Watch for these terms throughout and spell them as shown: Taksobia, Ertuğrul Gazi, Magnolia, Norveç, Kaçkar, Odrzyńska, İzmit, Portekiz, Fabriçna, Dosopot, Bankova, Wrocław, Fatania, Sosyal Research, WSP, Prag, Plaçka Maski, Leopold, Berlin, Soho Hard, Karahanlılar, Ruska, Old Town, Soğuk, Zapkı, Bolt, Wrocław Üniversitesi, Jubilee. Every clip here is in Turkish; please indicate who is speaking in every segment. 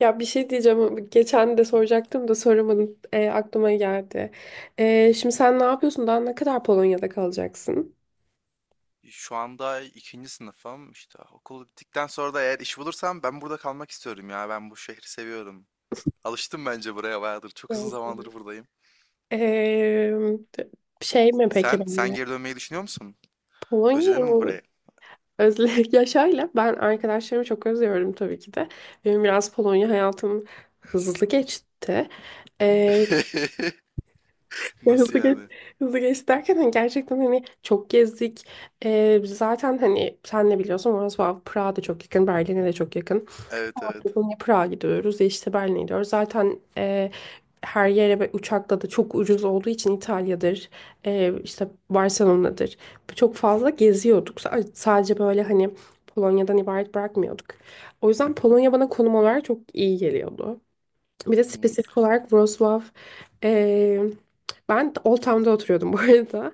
Speaker 1: Ya bir şey diyeceğim. Geçen de soracaktım da soramadım. Aklıma geldi. Şimdi sen ne yapıyorsun? Daha ne kadar Polonya'da kalacaksın?
Speaker 2: Şu anda ikinci sınıfım. İşte okul bittikten sonra da eğer iş bulursam ben burada kalmak istiyorum ya. Ben bu şehri seviyorum. Alıştım bence buraya bayağıdır. Çok uzun
Speaker 1: Görsel.
Speaker 2: zamandır buradayım.
Speaker 1: Ee, Şey mi peki
Speaker 2: Sen,
Speaker 1: ben
Speaker 2: sen
Speaker 1: de?
Speaker 2: geri dönmeyi düşünüyor musun? Özledin
Speaker 1: Polonya'yı
Speaker 2: mi
Speaker 1: mı
Speaker 2: burayı?
Speaker 1: özle ya şöyle ben arkadaşlarımı çok özlüyorum tabii ki de. Benim biraz Polonya hayatım hızlı geçti. Ee, ya
Speaker 2: Nasıl
Speaker 1: hızlı geç,
Speaker 2: yani?
Speaker 1: Hızlı geçti derken hani gerçekten hani çok gezdik. Zaten hani sen ne biliyorsun, Wrocław, Prag'a da çok yakın, Berlin'e de çok yakın.
Speaker 2: Evet, evet.
Speaker 1: Bugün Prag'a gidiyoruz, ya işte Berlin'e gidiyoruz. Zaten her yere ve uçakla da çok ucuz olduğu için İtalya'dır, işte Barcelona'dır. Çok fazla geziyorduk. Sadece böyle hani Polonya'dan ibaret bırakmıyorduk. O yüzden Polonya bana konum olarak çok iyi geliyordu. Bir
Speaker 2: Hı
Speaker 1: de
Speaker 2: hı.
Speaker 1: spesifik olarak Wrocław. e, Ben Old Town'da oturuyordum bu arada.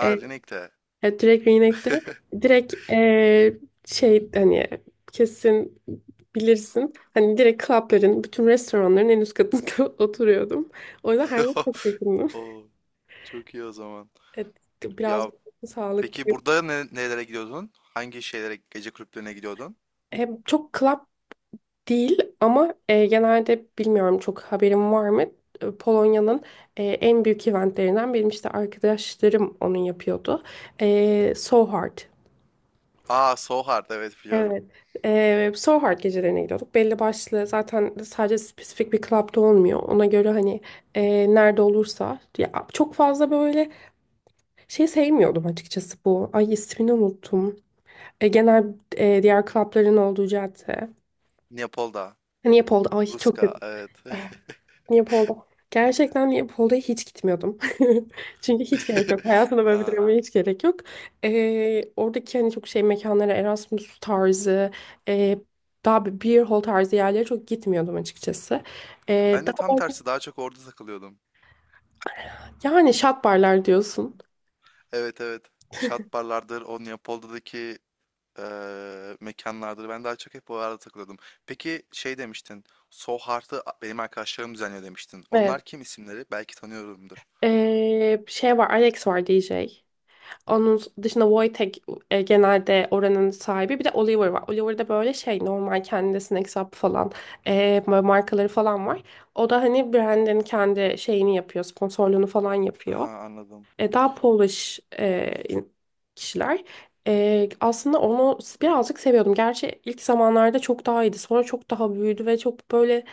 Speaker 2: Aa,
Speaker 1: E,
Speaker 2: Rinek'te.
Speaker 1: Evet, direkt ve inekte direkt şey hani kesin bilirsin. Hani direkt klapların, bütün restoranların en üst katında oturuyordum. O yüzden her yer çok yakındım.
Speaker 2: Oo, çok iyi o zaman.
Speaker 1: Evet, biraz
Speaker 2: Ya peki
Speaker 1: sağlıklı.
Speaker 2: burada nelere gidiyordun? Hangi şeylere, gece kulüplerine gidiyordun?
Speaker 1: Hem çok klap değil ama genelde bilmiyorum, çok haberim var mı? Polonya'nın en büyük eventlerinden benim işte arkadaşlarım onu yapıyordu. So Hard.
Speaker 2: Aa, Sohard, evet, biliyorum.
Speaker 1: Evet. Soho Hard gecelerine gidiyorduk. Belli başlı zaten sadece spesifik bir club'da olmuyor. Ona göre hani nerede olursa. Ya, çok fazla böyle şey sevmiyordum açıkçası bu. Ay, ismini unuttum. Genel diğer club'ların olduğu cadde.
Speaker 2: Neapol'da.
Speaker 1: Hani hep oldu. Ay çok
Speaker 2: Ruska,
Speaker 1: kötü.
Speaker 2: evet.
Speaker 1: Leopold'a. Gerçekten Leopold'a hiç gitmiyordum. Çünkü hiç gerek yok. Hayatımda böyle bir
Speaker 2: Aa,
Speaker 1: dramaya hiç gerek yok. Oradaki hani çok şey mekanlara, Erasmus tarzı, e, daha bir beer hall tarzı yerlere çok gitmiyordum açıkçası.
Speaker 2: ben de
Speaker 1: Daha
Speaker 2: tam
Speaker 1: böyle
Speaker 2: tersi daha çok orada takılıyordum.
Speaker 1: yani şat barlar diyorsun.
Speaker 2: Evet, evet. Şat barlardır, o Leopold'daki mekanlardır. Ben daha çok hep o arada takılıyordum. Peki şey demiştin. Soul Heart'ı benim arkadaşlarım düzenliyor demiştin.
Speaker 1: Evet.
Speaker 2: Onlar kim, isimleri? Belki tanıyorumdur.
Speaker 1: Şey var, Alex var DJ. Onun dışında Wojtek genelde oranın sahibi. Bir de Oliver var. Oliver'da böyle şey normal kendi sinek hesabı falan böyle markaları falan var. O da hani brandin kendi şeyini yapıyor. Sponsorluğunu falan
Speaker 2: Aha,
Speaker 1: yapıyor.
Speaker 2: anladım.
Speaker 1: Daha Polish kişiler. Aslında onu birazcık seviyordum. Gerçi ilk zamanlarda çok daha iyiydi. Sonra çok daha büyüdü ve çok böyle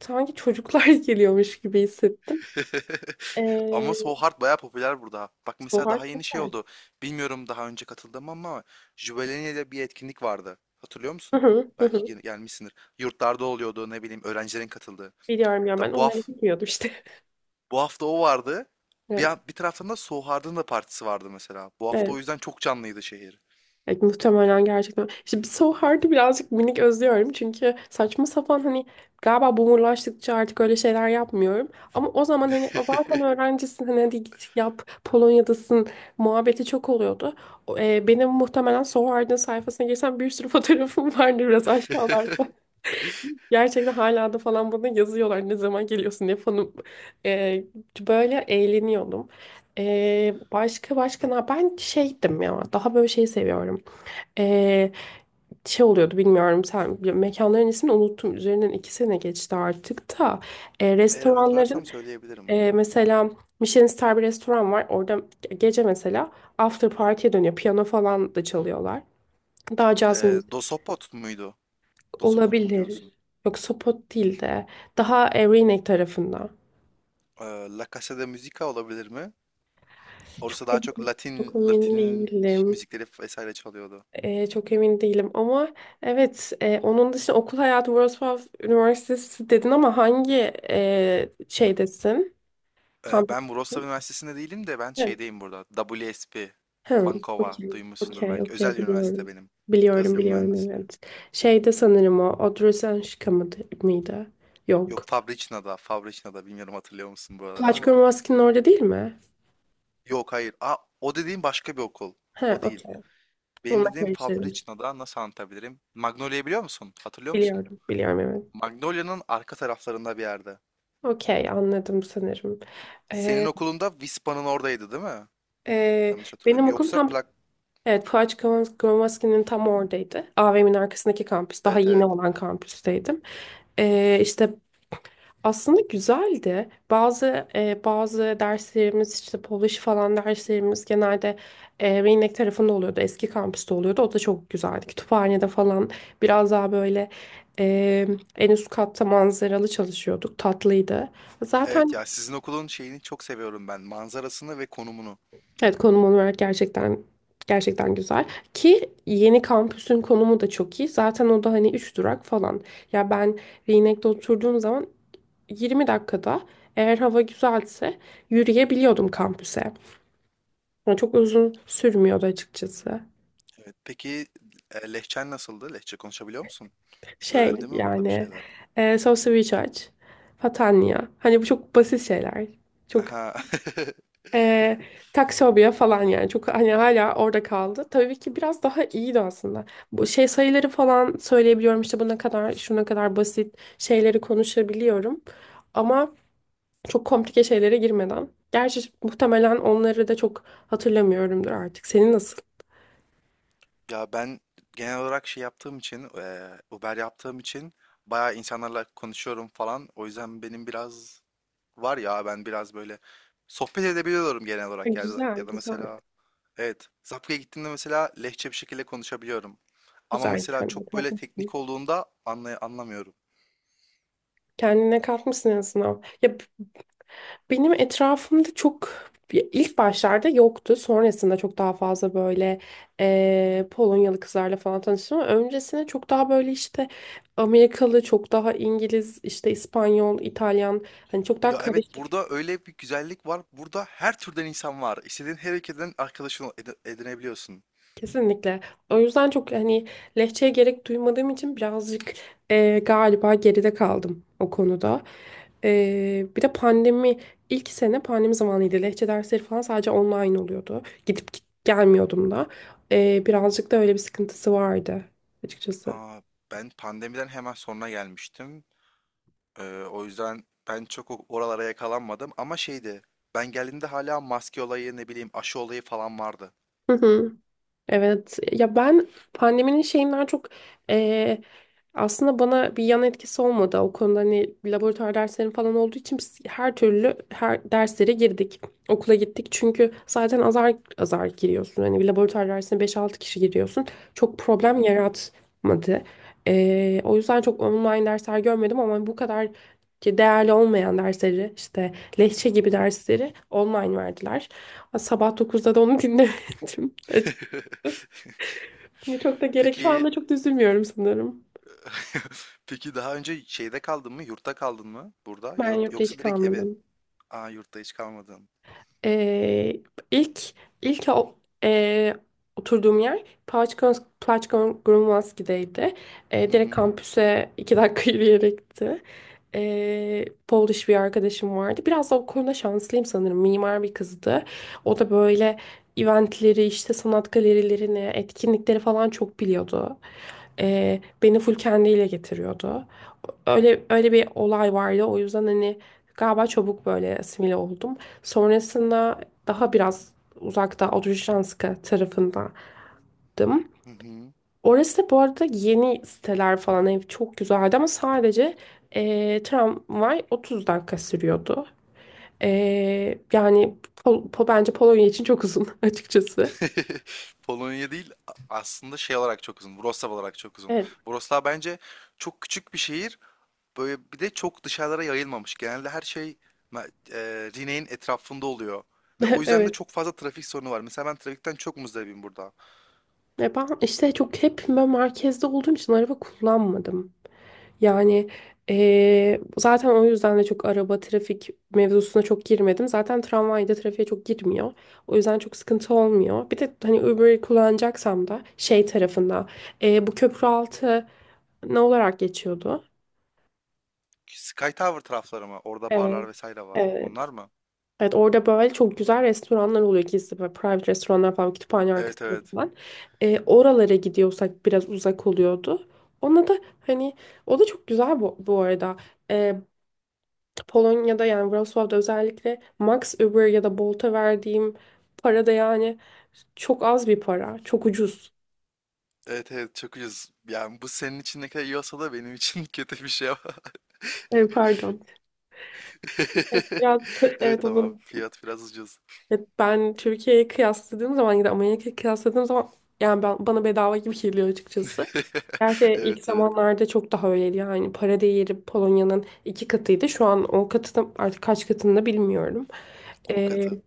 Speaker 1: sanki çocuklar geliyormuş gibi hissettim.
Speaker 2: Ama
Speaker 1: E,
Speaker 2: Soul Heart bayağı popüler burada. Bak mesela
Speaker 1: Sohar
Speaker 2: daha yeni şey
Speaker 1: Tekel.
Speaker 2: oldu. Bilmiyorum, daha önce katıldım, ama Jubilee'de bir etkinlik vardı. Hatırlıyor
Speaker 1: Hı
Speaker 2: musun?
Speaker 1: hı, hı
Speaker 2: Belki
Speaker 1: hı.
Speaker 2: gelmişsindir. Yurtlarda oluyordu, ne bileyim, öğrencilerin katıldığı.
Speaker 1: Biliyorum ya, ben
Speaker 2: Da bu
Speaker 1: onları
Speaker 2: hafta,
Speaker 1: bilmiyordum işte.
Speaker 2: bu hafta o vardı. Bir
Speaker 1: Evet,
Speaker 2: bir taraftan da Soğuk'un da partisi vardı mesela. Bu hafta o
Speaker 1: evet.
Speaker 2: yüzden çok canlıydı şehir.
Speaker 1: Evet, muhtemelen gerçekten. İşte bir So Hard'ı birazcık minik özlüyorum. Çünkü saçma sapan hani galiba boomerlaştıkça artık öyle şeyler yapmıyorum. Ama o zaman hani "O zaten öğrencisin hani hadi git yap Polonya'dasın" muhabbeti çok oluyordu. Benim muhtemelen So Hard'ın sayfasına girsem bir sürü fotoğrafım vardı biraz aşağılarda. Gerçekten hala da falan bana yazıyorlar ne zaman geliyorsun diye falan. Ee, Böyle eğleniyordum. Başka başka ne? Ben şeydim ya, daha böyle şey seviyorum. Ee, Şey oluyordu, bilmiyorum sen, mekanların ismini unuttum. Üzerinden iki sene geçti artık da.
Speaker 2: Eğer hatırlarsam
Speaker 1: Restoranların
Speaker 2: söyleyebilirim.
Speaker 1: mesela Michelin Star bir restoran var. Orada gece mesela after party'ye dönüyor. Piyano falan da çalıyorlar. Daha caz müzik.
Speaker 2: Dosopot muydu? Dosopot'u mu diyorsun?
Speaker 1: Olabilir. Yok Sopot değil de daha Erinek tarafında.
Speaker 2: Ee, La Casa de Musica olabilir mi?
Speaker 1: Çok
Speaker 2: Orası daha çok
Speaker 1: emin, çok
Speaker 2: Latin
Speaker 1: emin
Speaker 2: Latin
Speaker 1: değilim.
Speaker 2: müzikleri vesaire çalıyordu.
Speaker 1: Çok emin değilim ama evet, onun dışında okul hayatı, Wrocław Üniversitesi dedin ama hangi şeydesin?
Speaker 2: Ben Wrocław
Speaker 1: Kampüstesin?
Speaker 2: Üniversitesi'nde değilim de ben
Speaker 1: Hı,
Speaker 2: şeydeyim burada. WSP,
Speaker 1: hı,
Speaker 2: Bankova
Speaker 1: okey,
Speaker 2: duymuşsundur
Speaker 1: okey,
Speaker 2: belki.
Speaker 1: okey,
Speaker 2: Özel
Speaker 1: biliyorum.
Speaker 2: üniversite benim.
Speaker 1: Biliyorum,
Speaker 2: Yazılım
Speaker 1: biliyorum,
Speaker 2: mühendisliği.
Speaker 1: evet. Şeyde sanırım, o Odrzyńska mıydı?
Speaker 2: Yok,
Speaker 1: Yok.
Speaker 2: Fabriçna'da, Fabriçna'da, bilmiyorum hatırlıyor musun buraları
Speaker 1: Plaçka
Speaker 2: ama.
Speaker 1: Maski'nin orada değil mi?
Speaker 2: Yok, hayır. Aa, o dediğim başka bir okul.
Speaker 1: He,
Speaker 2: O değil.
Speaker 1: okey.
Speaker 2: Benim
Speaker 1: Onunla
Speaker 2: dediğim
Speaker 1: karıştırdım.
Speaker 2: Fabricna'da, nasıl anlatabilirim? Magnolia'yı biliyor musun? Hatırlıyor musun?
Speaker 1: Biliyorum, biliyorum, evet.
Speaker 2: Magnolia'nın arka taraflarında bir yerde.
Speaker 1: Okey, anladım sanırım.
Speaker 2: Senin
Speaker 1: Ee,
Speaker 2: okulunda Vispa'nın oradaydı, değil mi?
Speaker 1: e,
Speaker 2: Yanlış hatırlamıyorum.
Speaker 1: benim okulum
Speaker 2: Yoksa
Speaker 1: tam,
Speaker 2: plak...
Speaker 1: evet, Fuaç Gromaski'nin tam oradaydı. AVM'nin arkasındaki kampüs, daha
Speaker 2: Evet,
Speaker 1: yeni
Speaker 2: evet.
Speaker 1: olan kampüsteydim. İşte aslında güzeldi. Bazı bazı derslerimiz, işte Polish falan derslerimiz, genelde Reynek tarafında oluyordu. Eski kampüste oluyordu. O da çok güzeldi. Kütüphanede falan biraz daha böyle e, en üst katta manzaralı çalışıyorduk. Tatlıydı.
Speaker 2: Evet,
Speaker 1: Zaten
Speaker 2: ya sizin okulun şeyini çok seviyorum ben. Manzarasını ve konumunu.
Speaker 1: evet, konum olarak gerçekten güzel, ki yeni kampüsün konumu da çok iyi. Zaten o da hani 3 durak falan. Ya ben Reynek'te oturduğum zaman 20 dakikada, eğer hava güzelse, yürüyebiliyordum kampüse. Yani çok uzun sürmüyordu açıkçası.
Speaker 2: Evet. Peki Lehçen nasıldı? Lehçe konuşabiliyor musun?
Speaker 1: Şey
Speaker 2: Öğrendin mi burada bir
Speaker 1: yani,
Speaker 2: şeyler?
Speaker 1: Sosyal Research, Fatania. Hani bu çok basit şeyler. Çok
Speaker 2: Aha.
Speaker 1: Ee, Taksobia falan, yani çok hani hala orada kaldı. Tabii ki biraz daha iyiydi aslında. Bu şey, sayıları falan söyleyebiliyorum, işte bu ne kadar şuna kadar basit şeyleri konuşabiliyorum. Ama çok komplike şeylere girmeden. Gerçi muhtemelen onları da çok hatırlamıyorumdur artık. Senin nasıl?
Speaker 2: Ya ben genel olarak şey yaptığım için, Uber yaptığım için bayağı insanlarla konuşuyorum falan. O yüzden benim biraz, var ya ben biraz böyle sohbet edebiliyorum genel olarak,
Speaker 1: Güzel,
Speaker 2: ya da
Speaker 1: güzel.
Speaker 2: mesela evet Zapkı'ya gittiğimde mesela lehçe bir şekilde konuşabiliyorum. Ama
Speaker 1: Güzel,
Speaker 2: mesela
Speaker 1: kendine
Speaker 2: çok böyle
Speaker 1: katmışsın.
Speaker 2: teknik olduğunda anlamıyorum.
Speaker 1: Kendine katmışsın en azından. Ya, benim etrafımda çok ilk başlarda yoktu. Sonrasında çok daha fazla böyle Polonyalı kızlarla falan tanıştım. Ama öncesinde çok daha böyle işte Amerikalı, çok daha İngiliz, işte İspanyol, İtalyan, hani çok daha
Speaker 2: Ya evet,
Speaker 1: karışık.
Speaker 2: burada öyle bir güzellik var. Burada her türden insan var. İstediğin her ülkeden arkadaşını edinebiliyorsun.
Speaker 1: Kesinlikle. O yüzden çok hani lehçeye gerek duymadığım için birazcık galiba geride kaldım o konuda. Bir de pandemi, ilk sene pandemi zamanıydı. Lehçe dersleri falan sadece online oluyordu. Gelmiyordum da. Birazcık da öyle bir sıkıntısı vardı açıkçası.
Speaker 2: Aa, ben pandemiden hemen sonra gelmiştim. Ee, O yüzden ben çok oralara yakalanmadım ama şeydi. Ben geldiğimde hala maske olayı, ne bileyim, aşı olayı falan vardı.
Speaker 1: Evet ya, ben pandeminin şeyinden çok eee, aslında bana bir yan etkisi olmadı. O konuda hani laboratuvar derslerim falan olduğu için biz her türlü her derslere girdik. Okula gittik çünkü zaten azar azar giriyorsun. Hani bir laboratuvar dersine beş altı kişi giriyorsun. Çok
Speaker 2: Hı
Speaker 1: problem
Speaker 2: hı.
Speaker 1: yaratmadı. O yüzden çok online dersler görmedim ama bu kadar ki değerli olmayan dersleri, işte lehçe gibi dersleri online verdiler. Sabah dokuzda da onu dinlemedim. Ya çok da gerek. Şu
Speaker 2: Peki
Speaker 1: anda çok da üzülmüyorum sanırım.
Speaker 2: peki daha önce şeyde kaldın mı? Yurtta kaldın mı burada?
Speaker 1: Ben
Speaker 2: Ya,
Speaker 1: yurtta hiç
Speaker 2: yoksa direkt eve.
Speaker 1: kalmadım.
Speaker 2: Aa, yurtta hiç kalmadın.
Speaker 1: Ee, ilk ilk o, ee, oturduğum yer Plaçkons Plaçkongrumaski'deydi.
Speaker 2: Hı
Speaker 1: Direkt
Speaker 2: hı.
Speaker 1: kampüse iki dakika yürüyerekti. Polish bir arkadaşım vardı. Biraz da o konuda şanslıyım sanırım. Mimar bir kızdı. O da böyle eventleri, işte sanat galerilerini, etkinlikleri falan çok biliyordu. Beni full kendiyle getiriyordu. Öyle öyle bir olay vardı. O yüzden hani galiba çabuk böyle asimile oldum. Sonrasında daha biraz uzakta Odrzyjanska tarafındaydım.
Speaker 2: Hı hı.
Speaker 1: Orası da bu arada yeni siteler falan, ev çok güzeldi ama sadece tramvay 30 dakika sürüyordu. Yani bence Polonya için çok uzun açıkçası.
Speaker 2: Polonya değil, aslında şey olarak çok uzun. Wrocław olarak çok uzun.
Speaker 1: Evet,
Speaker 2: Wrocław bence çok küçük bir şehir. Böyle bir de çok dışarılara yayılmamış. Genelde her şey Rine'in etrafında oluyor. Ve o yüzden de
Speaker 1: evet.
Speaker 2: çok fazla trafik sorunu var. Mesela ben trafikten çok muzdaribim burada.
Speaker 1: E ben işte çok ben merkezde olduğum için araba kullanmadım. Yani zaten o yüzden de çok araba trafik mevzusuna çok girmedim. Zaten tramvayda trafiğe çok girmiyor. O yüzden çok sıkıntı olmuyor. Bir de hani Uber'i kullanacaksam da şey tarafında bu köprü altı ne olarak geçiyordu?
Speaker 2: Sky Tower tarafları mı? Orada
Speaker 1: Evet,
Speaker 2: barlar vesaire var.
Speaker 1: evet.
Speaker 2: Onlar mı?
Speaker 1: Evet, orada böyle çok güzel restoranlar oluyor, gizli böyle private restoranlar falan, kütüphane
Speaker 2: Evet,
Speaker 1: arkasında
Speaker 2: evet.
Speaker 1: falan. Oralara gidiyorsak biraz uzak oluyordu. Ona da hani o da çok güzel bu arada. Polonya'da, yani Wrocław'da özellikle, Max Uber ya da Bolt'a verdiğim para da yani çok az bir para. Çok ucuz.
Speaker 2: Evet, evet, çok ucuz. Yani bu senin için ne kadar iyi olsa da benim için kötü bir şey ama.
Speaker 1: E, pardon. Evet, biraz evet
Speaker 2: Evet ama
Speaker 1: onun.
Speaker 2: fiyat biraz ucuz.
Speaker 1: Ya ben Türkiye'ye kıyasladığım zaman ya da Amerika'ya kıyasladığım zaman, yani bana bedava gibi geliyor açıkçası. Gerçi ilk
Speaker 2: Evet, evet.
Speaker 1: zamanlarda çok daha öyleydi, yani para değeri Polonya'nın iki katıydı. Şu an artık kaç katında bilmiyorum.
Speaker 2: 10
Speaker 1: Ee,
Speaker 2: katı.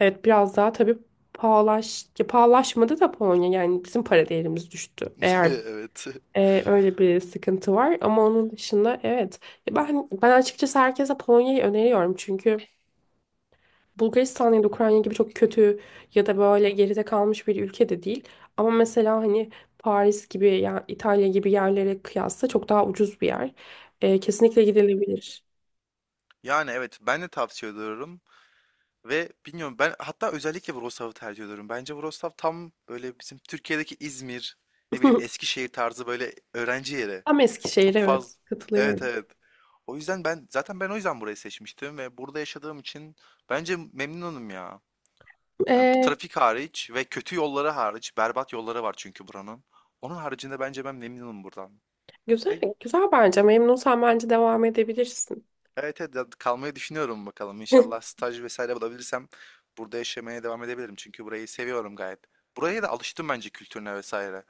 Speaker 1: evet, biraz daha tabii ya pahalaşmadı da Polonya, yani bizim para değerimiz düştü. Eğer
Speaker 2: Evet.
Speaker 1: öyle bir sıkıntı var, ama onun dışında evet. Ya ben açıkçası herkese Polonya'yı öneriyorum, çünkü Bulgaristan ya da Ukrayna gibi çok kötü ya da böyle geride kalmış bir ülke de değil. Ama mesela hani Paris gibi ya İtalya gibi yerlere kıyasla çok daha ucuz bir yer. Kesinlikle gidilebilir.
Speaker 2: Yani evet, ben de tavsiye ediyorum. Ve bilmiyorum, ben hatta özellikle Wrocław'ı tercih ediyorum. Bence Wrocław tam böyle bizim Türkiye'deki İzmir, ne bileyim Eskişehir tarzı böyle öğrenci yeri.
Speaker 1: Tam Eskişehir,
Speaker 2: Çok
Speaker 1: evet,
Speaker 2: fazla. Evet,
Speaker 1: katılıyorum.
Speaker 2: evet. O yüzden ben zaten ben o yüzden burayı seçmiştim ve burada yaşadığım için bence memnunum ya. Yani
Speaker 1: Ee,
Speaker 2: trafik hariç ve kötü yolları hariç, berbat yolları var çünkü buranın. Onun haricinde bence ben memnunum buradan.
Speaker 1: Güzel, güzel, bence memnunsan bence devam edebilirsin.
Speaker 2: Evet evet, ya kalmayı düşünüyorum bakalım. İnşallah staj vesaire bulabilirsem burada yaşamaya devam edebilirim. Çünkü burayı seviyorum gayet. Buraya da alıştım bence, kültürüne vesaire.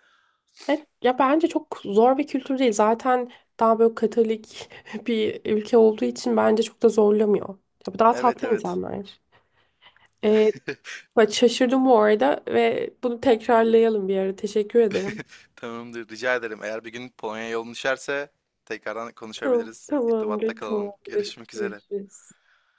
Speaker 1: Evet, ya bence çok zor bir kültür değil. Zaten daha böyle Katolik bir ülke olduğu için bence çok da zorlamıyor. Ya bu daha
Speaker 2: Evet,
Speaker 1: tatlı
Speaker 2: evet.
Speaker 1: insanlar.
Speaker 2: Ya,
Speaker 1: Bak şaşırdım bu arada, ve bunu tekrarlayalım bir ara. Teşekkür ederim.
Speaker 2: tamamdır, rica ederim. Eğer bir gün Polonya'ya yolun düşerse tekrardan
Speaker 1: Tamam,
Speaker 2: konuşabiliriz. İrtibatta
Speaker 1: tamamdır,
Speaker 2: kalalım.
Speaker 1: tamamdır.
Speaker 2: Görüşmek üzere.
Speaker 1: Görüşürüz.